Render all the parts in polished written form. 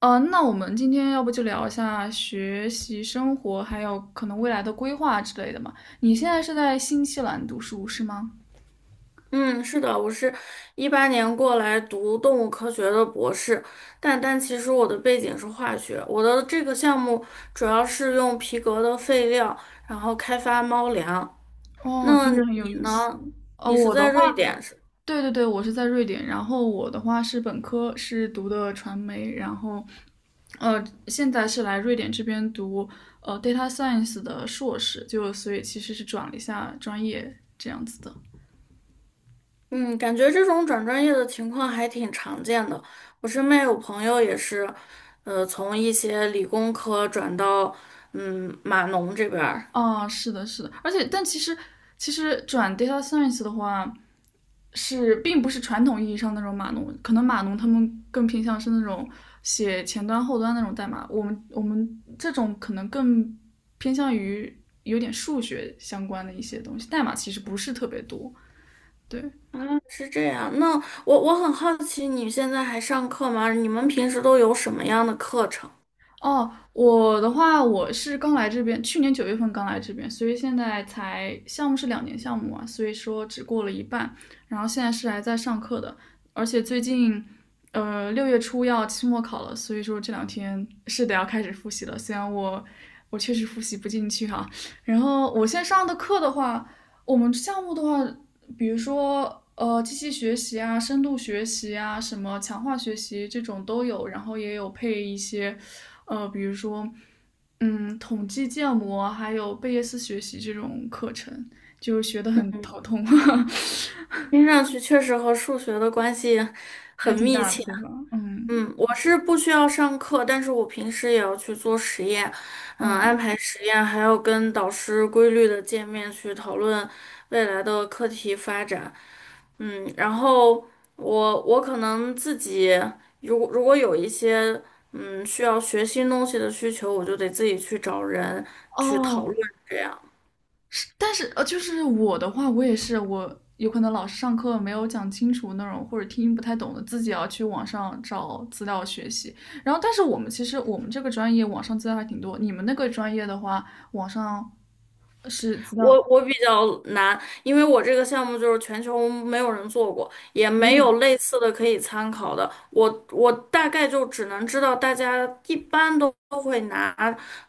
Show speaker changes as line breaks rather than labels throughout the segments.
那我们今天要不就聊一下学习生活，还有可能未来的规划之类的嘛？你现在是在新西兰读书是吗？
嗯，是的，我是2018年过来读动物科学的博士，但其实我的背景是化学，我的这个项目主要是用皮革的废料，然后开发猫粮。
哦，
那
听着很有
你
意思。
呢？
哦，
你是
我的
在瑞
话，
典是？
对对对，我是在瑞典，然后我的话是本科是读的传媒，然后现在是来瑞典这边读data science 的硕士，就所以其实是转了一下专业这样子的。
嗯，感觉这种转专业的情况还挺常见的。我身边有朋友也是，从一些理工科转到码农这边儿。
啊，是的，是的，而且但其实其实转 data science 的话，是并不是传统意义上那种码农，可能码农他们更偏向是那种写前端后端那种代码，我们这种可能更偏向于有点数学相关的一些东西，代码其实不是特别多。对，
啊，是这样。那我很好奇，你现在还上课吗？你们平时都有什么样的课程？
哦，我的话，我是刚来这边，去年九月份刚来这边，所以现在才项目是两年项目啊，所以说只过了一半，然后现在是还在上课的，而且最近，六月初要期末考了，所以说这两天是得要开始复习了，虽然我确实复习不进去哈，然后我现在上的课的话，我们项目的话，比如说机器学习啊、深度学习啊、什么强化学习这种都有，然后也有配一些比如说嗯统计建模，还有贝叶斯学习这种课程，就学得很
嗯，
头痛，
听上去确实和数学的关系
还
很
挺
密
大的，
切。
对吧？嗯
嗯，我是不需要上课，但是我平时也要去做实验，安
嗯
排实验，还要跟导师规律的见面去讨论未来的课题发展，然后我可能自己如果有一些需要学新东西的需求，我就得自己去找人去讨
哦。
论这样。
但是就是我的话，我也是，我有可能老师上课没有讲清楚那种，或者听不太懂的，自己要去网上找资料学习。然后，但是我们这个专业网上资料还挺多，你们那个专业的话，网上是资
我
料。
我比较难，因为我这个项目就是全球没有人做过，也没
嗯，
有类似的可以参考的。我大概就只能知道大家一般都会拿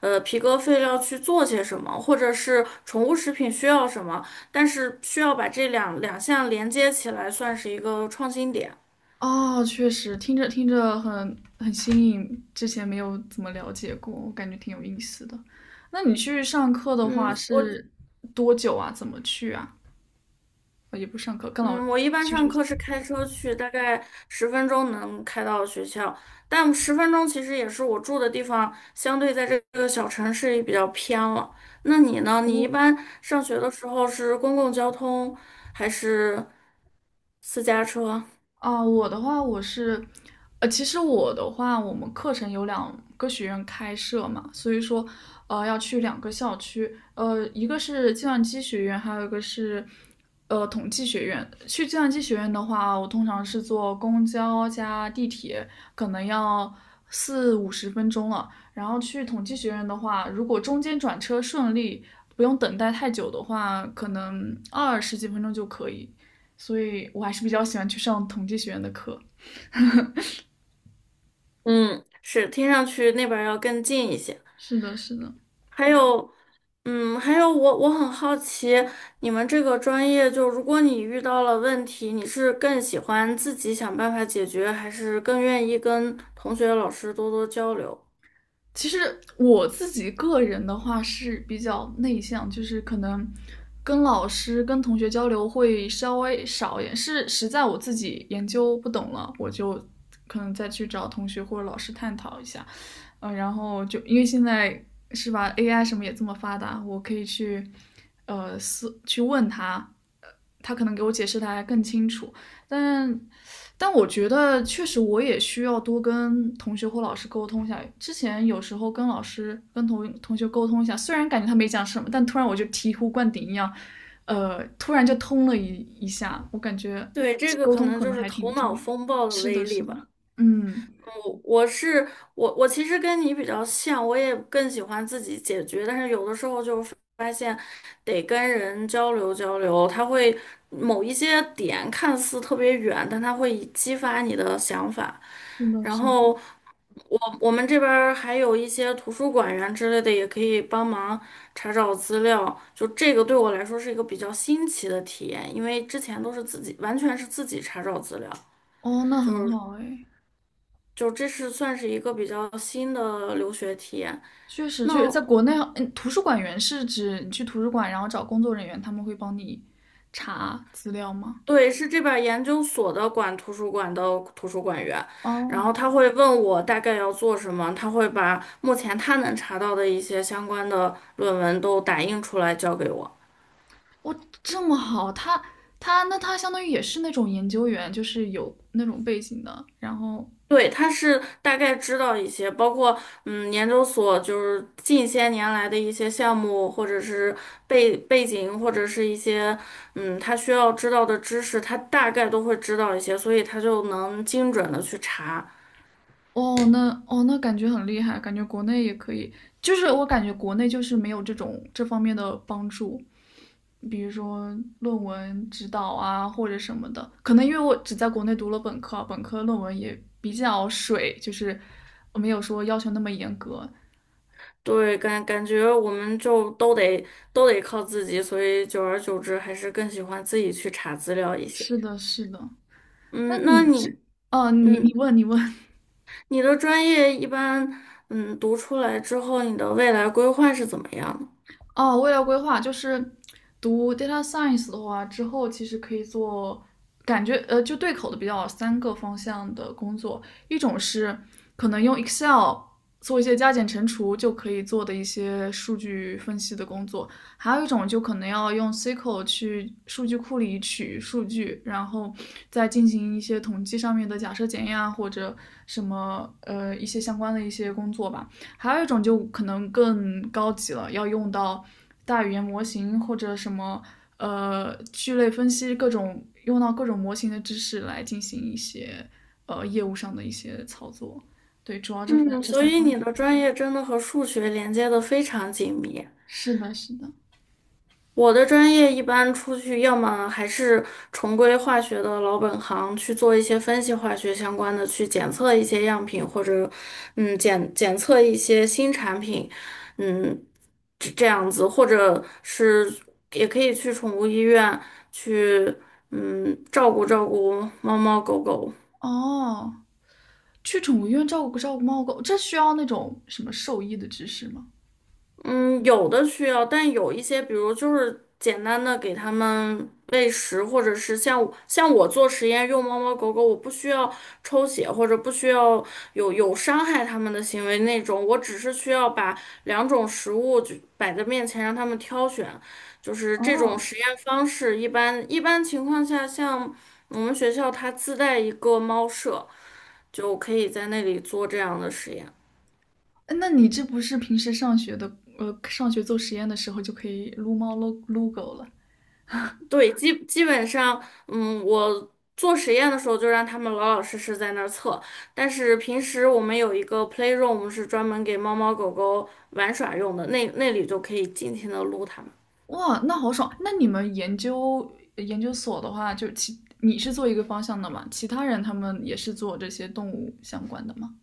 皮革废料去做些什么，或者是宠物食品需要什么，但是需要把这两项连接起来，算是一个创新点。
哦，确实，听着听着很新颖，之前没有怎么了解过，我感觉挺有意思的。那你去上课的
嗯，
话
我
是多久啊？怎么去啊？呃也不上课，跟老
嗯，我一般
去
上
学习。
课是开车去，大概十分钟能开到学校，但十分钟其实也是我住的地方，相对在这个小城市也比较偏了。那你呢？你一般上学的时候是公共交通还是私家车？
啊，我的话，我是，其实我的话，我们课程有两个学院开设嘛，所以说，要去两个校区，一个是计算机学院，还有一个是，统计学院。去计算机学院的话，我通常是坐公交加地铁，可能要四五十分钟了。然后去统计学院的话，如果中间转车顺利，不用等待太久的话，可能二十几分钟就可以。所以我还是比较喜欢去上统计学院的课。
嗯，是，听上去那边儿要更近一些。
是的，是的。
还有，还有我很好奇，你们这个专业，就如果你遇到了问题，你是更喜欢自己想办法解决，还是更愿意跟同学、老师多多交流？
其实我自己个人的话是比较内向，就是可能跟老师、跟同学交流会稍微少一点，是实在我自己研究不懂了，我就可能再去找同学或者老师探讨一下。然后就因为现在是吧，AI 什么也这么发达，我可以去去问他，呃，他可能给我解释的还更清楚。但但我觉得确实我也需要多跟同学或老师沟通一下。之前有时候跟老师、跟同学沟通一下，虽然感觉他没讲什么，但突然我就醍醐灌顶一样，突然就通了一下。我感觉
对，这个
沟
可
通
能
可
就
能
是
还
头
挺重
脑
要。
风暴的
是
威
的，
力
是的，
吧。
嗯，
我我是我，我其实跟你比较像，我也更喜欢自己解决，但是有的时候就发现得跟人交流交流，他会某一些点看似特别远，但他会激发你的想法。
是的，
然
是的。
后我们这边儿还有一些图书馆员之类的，也可以帮忙查找资料。就这个对我来说是一个比较新奇的体验，因为之前都是自己，完全是自己查找资料，
哦，那
就
很
是。
好哎，
就这是算是一个比较新的留学体验。
确实，就是
那
在国内，嗯，图书馆员是指你去图书馆，然后找工作人员，他们会帮你查资料吗？
对，是这边儿研究所的管图书馆的图书馆员，然
哦，
后他会问我大概要做什么，他会把目前他能查到的一些相关的论文都打印出来交给我。
哇，这么好，他那他相当于也是那种研究员，就是有那种背景的。然后
对，他是大概知道一些，包括研究所就是近些年来的一些项目，或者是背景，或者是一些他需要知道的知识，他大概都会知道一些，所以他就能精准的去查。
哦，那感觉很厉害，感觉国内也可以，就是我感觉国内就是没有这种这方面的帮助，比如说论文指导啊或者什么的。可能因为我只在国内读了本科，本科论文也比较水，就是没有说要求那么严格。
对，感觉我们就都得靠自己，所以久而久之还是更喜欢自己去查资料一些。
是的，是的。那
嗯，那
你这，
你
哦，你你
嗯，
问你问，
你的专业一般读出来之后，你的未来规划是怎么样的？
哦，未来规划就是读 data science 的话，之后其实可以做，感觉就对口的比较三个方向的工作，一种是可能用 Excel 做一些加减乘除就可以做的一些数据分析的工作，还有一种就可能要用 SQL 去数据库里取数据，然后再进行一些统计上面的假设检验啊，或者一些相关的一些工作吧。还有一种就可能更高级了，要用到大语言模型或者什么聚类分析各种用到各种模型的知识来进行一些业务上的一些操作。对，主要这三
嗯，
这
所
三
以
方。
你的专业真的和数学连接的非常紧密。
是的，是的。
我的专业一般出去，要么还是重归化学的老本行，去做一些分析化学相关的，去检测一些样品，或者检测一些新产品，嗯这样子，或者是也可以去宠物医院去照顾照顾猫猫狗狗。
哦，去宠物医院照顾照顾猫狗，这需要那种什么兽医的知识吗？
嗯，有的需要，但有一些，比如就是简单的给它们喂食，或者是像我做实验用猫猫狗狗，我不需要抽血或者不需要有伤害它们的行为那种，我只是需要把两种食物就摆在面前让它们挑选，就是这种
哦，
实验方式。一般情况下，像我们学校它自带一个猫舍，就可以在那里做这样的实验。
那你这不是平时上学的上学做实验的时候就可以撸猫撸撸狗了？
对，基本上，嗯，我做实验的时候就让他们老老实实在那儿测，但是平时我们有一个 playroom 是专门给猫猫狗狗玩耍用的，那里就可以尽情的撸它们。
哇，那好爽！那你们研究所的话，就其你是做一个方向的嘛？其他人他们也是做这些动物相关的吗？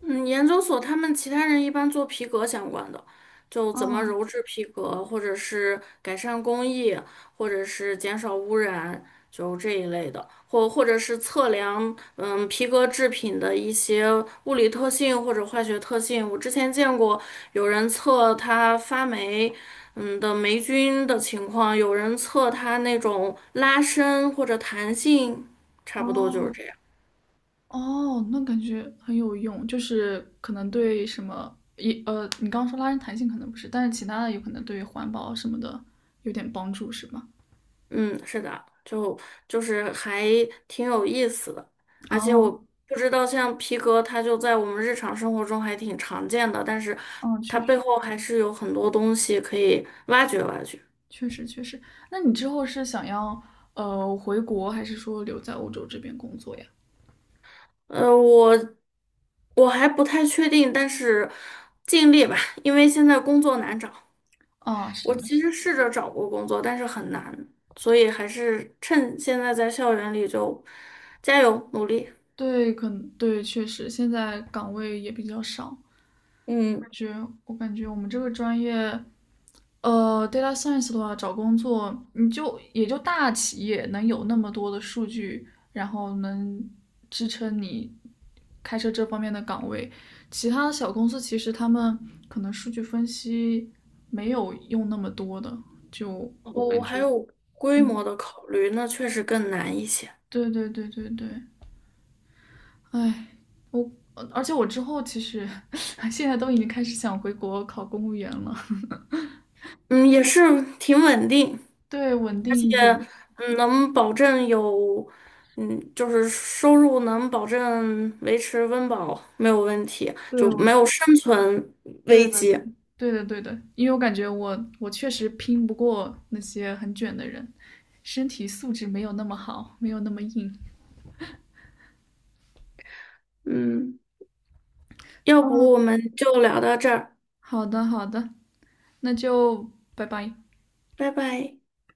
嗯，研究所他们其他人一般做皮革相关的，就怎么
哦
鞣制皮革，或者是改善工艺，或者是减少污染，就这一类的，或者是测量皮革制品的一些物理特性或者化学特性。我之前见过有人测它发霉的霉菌的情况，有人测它那种拉伸或者弹性，差不多就是
哦
这样。
哦，那感觉很有用，就是可能对什么也你刚刚说拉伸弹性可能不是，但是其他的有可能对环保什么的有点帮助，是吗？
嗯，是的，就是还挺有意思的，而且我
哦
不知道像皮革，它就在我们日常生活中还挺常见的，但是
哦，确
它背
实
后还是有很多东西可以挖掘挖掘。
确实。那你之后是想要回国，还是说留在欧洲这边工作呀？
呃，我我还不太确定，但是尽力吧，因为现在工作难找。
啊、是
我
的。是。
其实试着找过工作，但是很难，所以还是趁现在在校园里就加油努力。
对，可能对，确实现在岗位也比较少。
嗯。
感觉我感觉我们这个专业，data science 的话，找工作你就也就大企业能有那么多的数据，然后能支撑你开设这方面的岗位。其他的小公司其实他们可能数据分析没有用那么多的，就
然
我
后
感
还
觉，
有规
嗯，
模的考虑，那确实更难一些。
对对对对对。哎，我而且我之后其实 现在都已经开始想回国考公务员了，
嗯，也是挺稳定，
对，稳定
而且
一点，
能保证有，就是收入能保证维持温饱没有问题，
对，
就
我，
没有生存
对
危
的，对，
机。
对的，对的，因为我感觉我确实拼不过那些很卷的人，身体素质没有那么好，没有那么硬。
嗯，要不
嗯，
我们就聊到这儿，
好的，好的，那就拜拜。
拜拜。